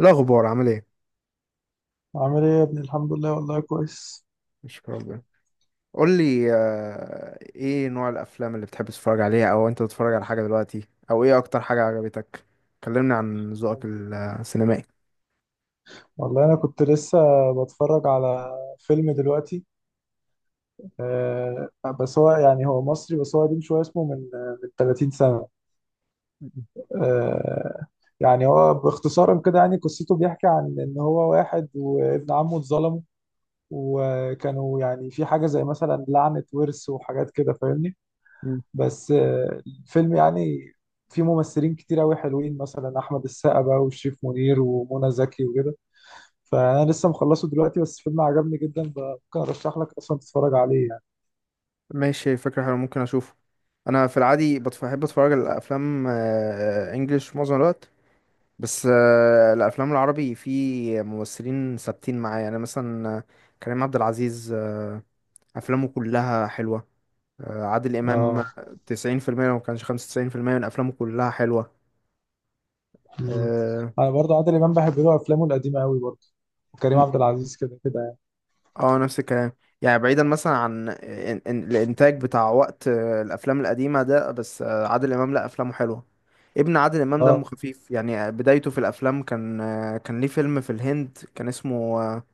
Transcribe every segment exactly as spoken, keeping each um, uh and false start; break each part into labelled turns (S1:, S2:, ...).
S1: إيه الأخبار، عامل ايه؟
S2: عامل ايه يا ابني؟ الحمد لله. والله كويس.
S1: مش ربنا قول لي. آه، ايه نوع الأفلام اللي بتحب تتفرج عليها، أو أنت بتتفرج على حاجة دلوقتي، أو ايه أكتر حاجة عجبتك؟ كلمني عن ذوقك
S2: والله.
S1: السينمائي.
S2: والله انا كنت لسه بتفرج على فيلم دلوقتي. آه، بس هو يعني هو مصري، بس هو قديم شويه. اسمه من من تلاتين سنه. آه، يعني هو باختصارا كده، يعني قصته بيحكي عن ان هو واحد وابن عمه اتظلموا، وكانوا يعني في حاجه زي مثلا لعنه ورث وحاجات كده، فاهمني.
S1: مم.
S2: بس آه الفيلم يعني فيه ممثلين كتير قوي حلوين، مثلا احمد السقا بقى وشريف منير ومنى زكي وكده. فانا لسه مخلصه دلوقتي، بس فيلم عجبني جدا. ب- ممكن ارشح لك اصلا تتفرج عليه يعني.
S1: ماشي، فكرة حلوة، ممكن أشوفه. أنا في العادي بتف- بحب أتفرج على أفلام إنجلش معظم الوقت. بس آه، الأفلام العربي في ممثلين ثابتين معايا، يعني مثلا آه، كريم عبد العزيز، آه، أفلامه كلها حلوة. آه، عادل إمام،
S2: اه.
S1: تسعين في المية لو ما كانش خمسة وتسعين بالمية من أفلامه كلها حلوة.
S2: مم.
S1: آه.
S2: انا برضه عادل امام بحب له افلامه القديمه قوي برضه. وكريم عبد
S1: مم.
S2: العزيز كده كده يعني.
S1: آه، نفس الكلام، يعني بعيدا مثلا عن إن- إن- الإنتاج بتاع وقت آه، الأفلام القديمة ده، بس آه، عادل إمام لأ، أفلامه حلوة. ابن عادل إمام دمه
S2: اه.
S1: خفيف، يعني آه، بدايته في الأفلام كان آه، كان ليه فيلم في الهند كان اسمه آه،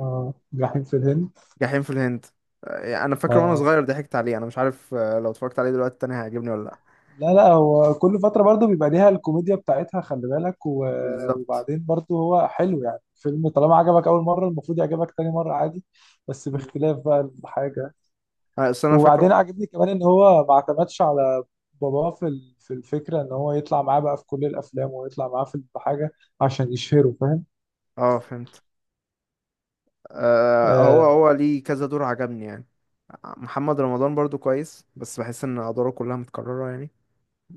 S2: اه، جحيم في الهند.
S1: جحيم في الهند. آه، أنا فاكر وأنا
S2: اه،
S1: صغير ضحكت عليه، أنا مش عارف آه، لو اتفرجت عليه دلوقتي تاني هيعجبني ولا لأ.
S2: لا لا، هو كل فتره برضه بيبقى ليها الكوميديا بتاعتها، خلي بالك. و...
S1: بالظبط.
S2: وبعدين برضه هو حلو، يعني فيلم طالما عجبك اول مره المفروض يعجبك تاني مره عادي، بس
S1: مم.
S2: باختلاف بقى الحاجه.
S1: آه، أصل أنا فاكره.
S2: وبعدين عجبني كمان ان هو ما اعتمدش على باباه في ال- في الفكره ان هو يطلع معاه بقى في كل الافلام، ويطلع معاه في حاجه عشان يشهره، فاهم.
S1: آه فهمت. آه، هو
S2: اه،
S1: هو ليه كذا دور، عجبني يعني. محمد رمضان برضو كويس، بس بحس ان ادواره كلها متكرره يعني.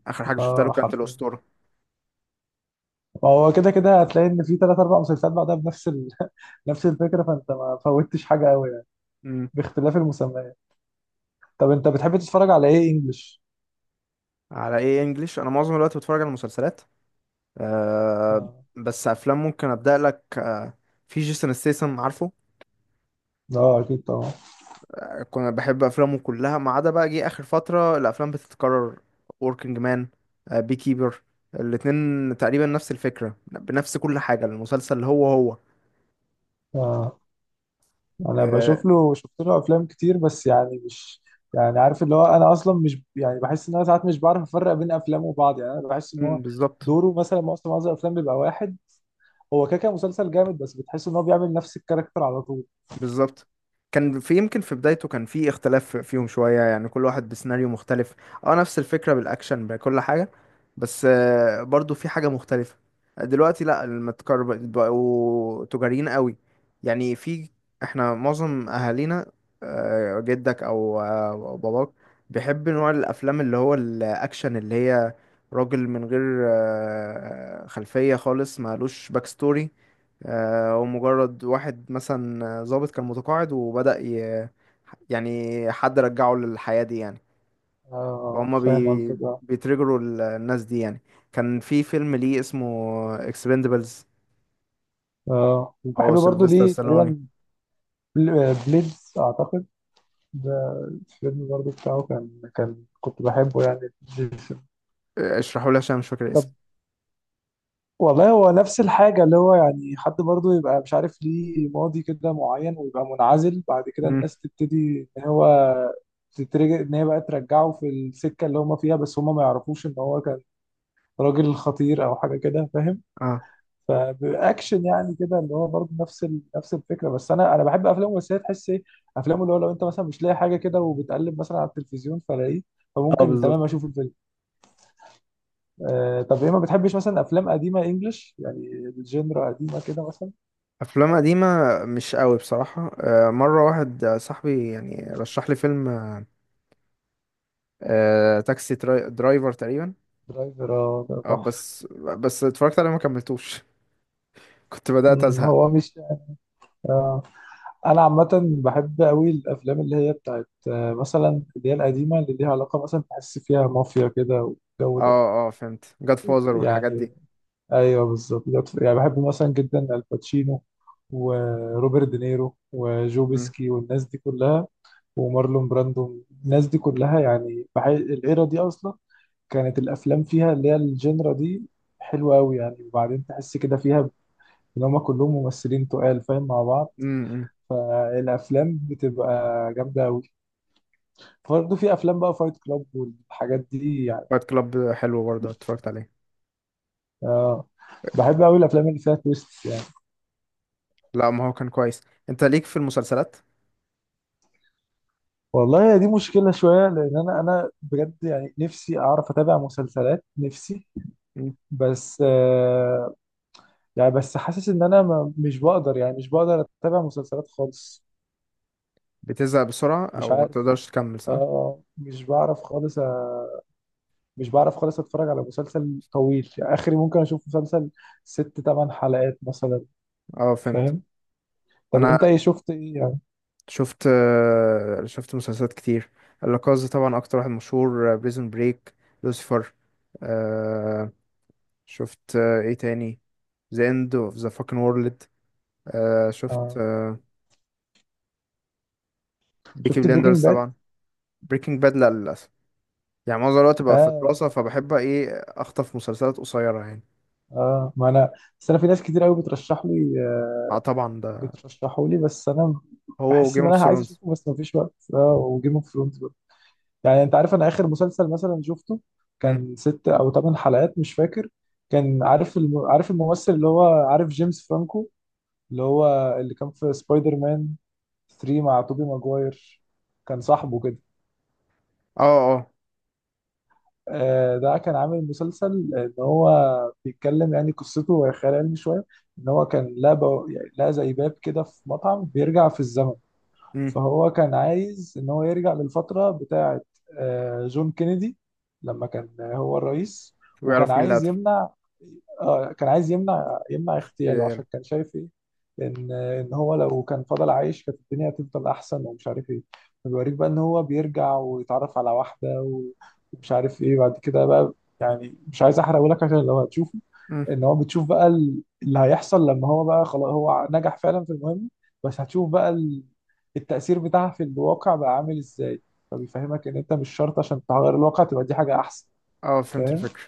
S1: اخر حاجه شفتها له
S2: آه
S1: كانت
S2: حرفيا.
S1: الاسطوره.
S2: ما هو كده كده هتلاقي ان في تلات اربع مسلسلات بعدها بنفس ال... نفس الفكره، فانت ما فوتش حاجه قوي يعني،
S1: امم
S2: باختلاف المسميات. طب انت بتحب تتفرج على ايه انجلش؟
S1: على ايه انجليش؟ انا معظم الوقت بتفرج على مسلسلات. أه
S2: اه،
S1: بس افلام ممكن ابدا لك. أه في جيسون ستيسن، عارفه؟
S2: آه، اكيد طبعا.
S1: أه كنا بحب افلامه كلها، ما عدا بقى جه اخر فتره الافلام بتتكرر. وركينج مان، أه بي كيبر، الاتنين تقريبا نفس الفكره، بنفس كل حاجه، المسلسل هو هو.
S2: آه. انا
S1: أه.
S2: بشوف له، شفت له افلام كتير، بس يعني مش، يعني عارف اللي هو انا اصلا مش، يعني بحس ان انا ساعات مش بعرف افرق بين افلامه وبعض. يعني انا بحس ان هو
S1: مم، بالظبط.
S2: دوره مثلا معظم معظم الافلام بيبقى واحد. هو كده كده مسلسل جامد، بس بتحس ان هو بيعمل نفس الكاركتر على طول.
S1: بالظبط. كان في يمكن في بدايته كان في اختلاف فيهم شوية، يعني كل واحد بسيناريو مختلف. اه نفس الفكرة بالأكشن بكل حاجة، بس آه، برضو في حاجة مختلفة. دلوقتي لا، المتكر بقوا تجاريين قوي. يعني في، احنا معظم أهالينا، آه، جدك أو آه، أو باباك، بيحب نوع الأفلام اللي هو الأكشن، اللي هي راجل من غير آه، خلفية خالص، مالوش باك ستوري، آه، ومجرد واحد مثلا ضابط كان متقاعد وبدأ ي... يعني حد رجعه للحياة دي يعني.
S2: اه
S1: فهم
S2: فاهم
S1: بي...
S2: قصدك، اه.
S1: بيترجروا ال- الناس دي يعني. كان في فيلم ليه اسمه اكسبندبلز،
S2: اه، وبحب
S1: او
S2: برضه
S1: سيلفستر
S2: ليه
S1: ستالوني،
S2: تقريبا، بل- بليدز اعتقد، ده الفيلم برضه بتاعه كان كان كنت بحبه يعني.
S1: آه، اشرحوا لي عشان مش فاكر
S2: طب،
S1: الاسم.
S2: والله هو نفس الحاجة، اللي هو يعني حد برضه يبقى مش عارف ليه، ماضي كده معين، ويبقى منعزل بعد كده.
S1: مم.
S2: الناس تبتدي إن هو تترجع، إن هي بقى ترجعه في السكة اللي هما فيها، بس هما ما يعرفوش إن هو كان راجل خطير أو حاجة كده، فاهم.
S1: اه
S2: فبأكشن يعني كده، اللي هو برضه نفس ال... نفس الفكرة. بس أنا أنا بحب أفلام الممثلية، تحس إيه، أفلام اللي هو لو أنت مثلا مش لاقي حاجة كده وبتقلب مثلا على التلفزيون فلاقيه،
S1: اه،
S2: فممكن
S1: بالظبط.
S2: تمام أشوف الفيلم. آه، طب إيه ما بتحبش مثلا أفلام قديمة إنجلش، يعني الجينرا قديمة كده مثلا.
S1: افلام قديمة؟ مش قوي بصراحة. آه، مرة واحد صاحبي يعني رشح لي فيلم آه، آه، تاكسي تراي- درايفر تقريبا.
S2: درايفر، اه ده
S1: آه،
S2: تحفة.
S1: بس بس اتفرجت عليه ما كملتوش. كنت بدأت
S2: مم،
S1: ازهق.
S2: هو مش، آه، انا عامة بحب قوي الافلام اللي هي بتاعت، آه، مثلا اللي هي القديمة اللي ليها علاقة، مثلا تحس فيها مافيا كده، والجو ده.
S1: اه اه فهمت، جاد فازر والحاجات دي.
S2: يعني ايوه بالظبط، ده- تف- يعني بحب مثلا جدا الباتشينو وروبرت دينيرو وجو
S1: امم
S2: بيسكي والناس دي كلها، ومارلون براندو. الناس دي كلها يعني بحي... الايرا دي اصلا كانت الافلام فيها اللي هي الجنرا دي حلوة قوي يعني، وبعدين تحس كده فيها ان هم كلهم ممثلين تقال فاهم مع بعض،
S1: امم
S2: فالافلام بتبقى جامده قوي. برضه في افلام بقى فايت كلاب والحاجات دي يعني.
S1: فايت كلاب حلو، برضه اتفرجت عليه.
S2: اه، بحب قوي الافلام اللي فيها تويست يعني.
S1: لا، ما هو كان كويس. انت ليك في المسلسلات؟
S2: والله دي مشكله شويه، لان انا انا بجد يعني نفسي اعرف اتابع مسلسلات، نفسي.
S1: مم.
S2: بس آه، يعني بس حاسس ان انا ما مش بقدر، يعني مش بقدر اتابع مسلسلات خالص.
S1: بتزهق بسرعة
S2: مش
S1: او ما
S2: عارف.
S1: تقدرش تكمل صح؟
S2: اه مش بعرف خالص. أ- مش بعرف خالص اتفرج على مسلسل طويل يعني. اخري ممكن اشوف مسلسل ست تمن حلقات مثلا،
S1: اه فهمت.
S2: فاهم. طب
S1: انا
S2: انت ايه، شفت ايه يعني؟
S1: شفت آه، شفت مسلسلات كتير. لاكاز طبعا اكتر واحد مشهور، بريزون بريك، لوسيفر، آه شفت، آه، ايه تاني، ذا اند اوف ذا فاكن وورلد، آه شفت،
S2: آه.
S1: آه بيكي
S2: شفت بريكنج
S1: بليندرز
S2: باد؟
S1: طبعا. بريكنج باد لا للأسف، يعني معظم الوقت بقى في
S2: ده
S1: دراسة، فبحب ايه اخطف مسلسلات قصيرة يعني.
S2: اه. ما انا، بس انا في ناس كتير قوي بترشح لي، آه،
S1: اه طبعا ده،
S2: بترشحه لي، بس انا
S1: هو
S2: بحس
S1: وجيم
S2: ان
S1: اوف
S2: انا عايز
S1: ثرونز.
S2: اشوفه بس مفيش وقت. اه، وجيم اوف ثرونز برضه يعني. انت عارف انا اخر مسلسل مثلا شفته
S1: اه
S2: كان ست او ثمان حلقات، مش فاكر. كان عارف الم... عارف الممثل، اللي هو عارف جيمس فرانكو، اللي هو اللي كان في سبايدر مان ثري مع توبي ماجواير، كان صاحبه كده.
S1: اه.
S2: آه، ده كان عامل مسلسل ان هو بيتكلم، يعني قصته هي خيال علمي شويه. ان هو كان لقى بو- يعني لقى زي باب كده في مطعم بيرجع في الزمن.
S1: مم.
S2: فهو كان عايز ان هو يرجع للفتره بتاعه، آه، جون كينيدي، لما كان هو الرئيس. وكان
S1: ويعرف مين اللي
S2: عايز
S1: قتل.
S2: يمنع، آه، كان عايز يمنع يمنع اغتياله
S1: في-
S2: عشان كان شايف ايه، ان ان هو لو كان فضل عايش كانت الدنيا هتفضل احسن، ومش عارف ايه. فبيوريك بقى ان هو بيرجع ويتعرف على واحده، و- ومش عارف ايه بعد كده بقى. يعني مش عايز احرقه لك عشان لو هتشوفه.
S1: مم.
S2: ان هو بتشوف بقى ال- اللي هيحصل لما هو بقى خلاص هو نجح فعلا في المهمه، بس هتشوف بقى التأثير بتاعها في الواقع بقى عامل ازاي. فبيفهمك ان انت مش شرط عشان تغير الواقع تبقى دي حاجة احسن،
S1: اه فهمت
S2: فاهم.
S1: الفكرة.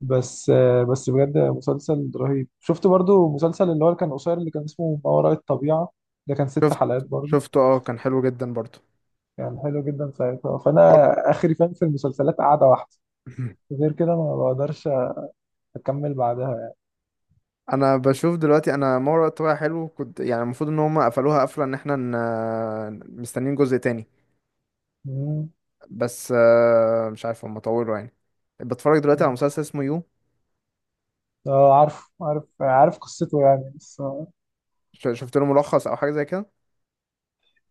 S2: بس آه، بس بجد مسلسل رهيب. شفت برضو مسلسل اللي هو اللي كان قصير اللي كان اسمه ما وراء الطبيعة. ده كان ست
S1: شفت
S2: حلقات برضو.
S1: شفته اه كان حلو جدا برضه.
S2: كان حلو جدا ساعتها. فانا اخري فاهم في المسلسلات قاعدة واحدة، غير كده ما بقدرش اكمل بعدها يعني.
S1: انا بشوف دلوقتي. انا ما وراء الطبيعة حلو كنت، يعني المفروض ان هم قفلوها قفلة ان احنا ن- مستنيين جزء تاني،
S2: مم.
S1: بس آه، مش عارف هم طولوا يعني. بتفرج دلوقتي على
S2: مم.
S1: مسلسل اسمه يو.
S2: اه عارف عارف عارف قصته يعني، بس آه.
S1: ش- شفت له ملخص او حاجة زي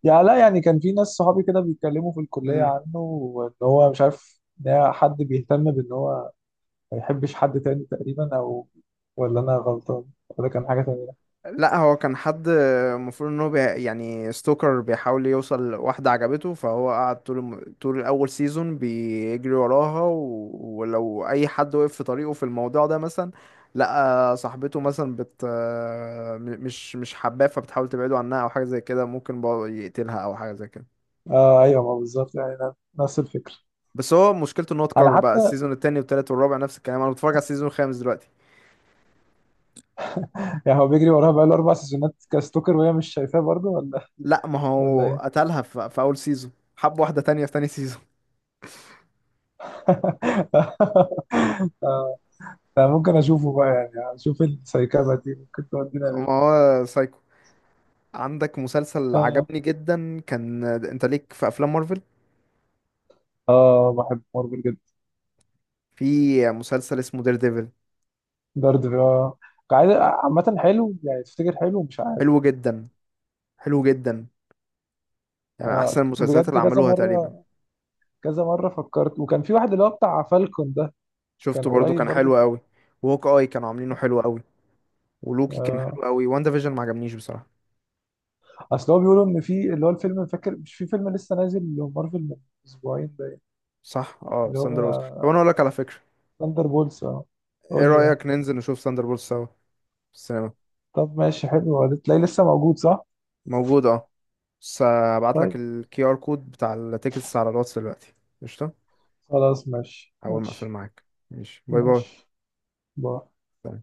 S2: يعني لا، يعني كان في ناس صحابي كده بيتكلموا في الكلية
S1: كده؟
S2: عنه، وان هو مش عارف ان هي حد بيهتم بان هو ما يحبش حد تاني تقريبا. او، ولا انا غلطان، ولا كان حاجة تانية.
S1: لا، هو كان حد المفروض ان هو بي... يعني ستوكر بيحاول يوصل لواحدة عجبته، فهو قعد طول الم... طول الاول سيزون بيجري وراها و... ولو اي حد وقف في طريقه في الموضوع ده، مثلا لقى صاحبته مثلا بت م- مش مش حباه فبتحاول تبعده عنها او حاجة زي كده، ممكن بقى يقتلها او حاجة زي كده.
S2: اه ايوه ما بالظبط، يعني ن- نفس الفكرة.
S1: بس هو مشكلته ان هو
S2: انا
S1: اتكرر بقى،
S2: حتى،
S1: السيزون التاني والتالت والرابع نفس الكلام، انا بتفرج على السيزون الخامس دلوقتي.
S2: يعني هو بيجري وراها بقاله اربع سيزونات كستوكر، وهي مش شايفاه برضه، ولا
S1: لا، ما
S2: ولا
S1: هو
S2: ايه؟
S1: قتلها في, في اول سيزون، حب واحدة تانية في تاني سيزون.
S2: انا ممكن اشوفه بقى، يعني اشوف السايكابا دي ممكن تودينا
S1: ما
S2: ليه.
S1: هو سايكو. عندك مسلسل
S2: اه،
S1: عجبني جدا كان، انت ليك في افلام مارفل؟
S2: آه، بحب مارفل جدا.
S1: في مسلسل اسمه دير ديفل،
S2: درد في، اه، قاعد عامة حلو يعني؟ تفتكر حلو؟ مش عارف.
S1: حلو جدا، حلو جدا، يعني احسن
S2: آه
S1: المسلسلات
S2: بجد
S1: اللي
S2: كذا
S1: عملوها تقريبا.
S2: مرة كذا مرة فكرت. وكان في واحد اللي هو بتاع فالكون ده، كان
S1: شفته برضو،
S2: قريب
S1: كان
S2: برضو.
S1: حلو
S2: كنت-
S1: قوي. وهوك اي كانوا عاملينه حلو قوي، ولوكي كان حلو
S2: آه،
S1: قوي، واندا فيجن ما عجبنيش بصراحة.
S2: اصل هو بيقولوا ان في اللي هو الفيلم، فاكر مش في فيلم لسه نازل لمارفل من اسبوعين باين.
S1: صح، اه
S2: اللي
S1: ساندر بولز. طب انا
S2: هو
S1: اقول لك على فكرة،
S2: ثاندر بولز، اه.
S1: ايه
S2: قول لي اه.
S1: رأيك ننزل نشوف ساندر بولز سوا في السينما؟
S2: طب ماشي حلو، هتلاقيه لسه موجود صح؟
S1: موجود اه. بس هبعت لك
S2: طيب.
S1: الكي ار كود بتاع التيكتس على الواتس دلوقتي. قشطة.
S2: خلاص ماشي
S1: اول ما اقفل
S2: ماشي.
S1: معاك. ماشي باي.
S2: ماشي، باي.
S1: باي.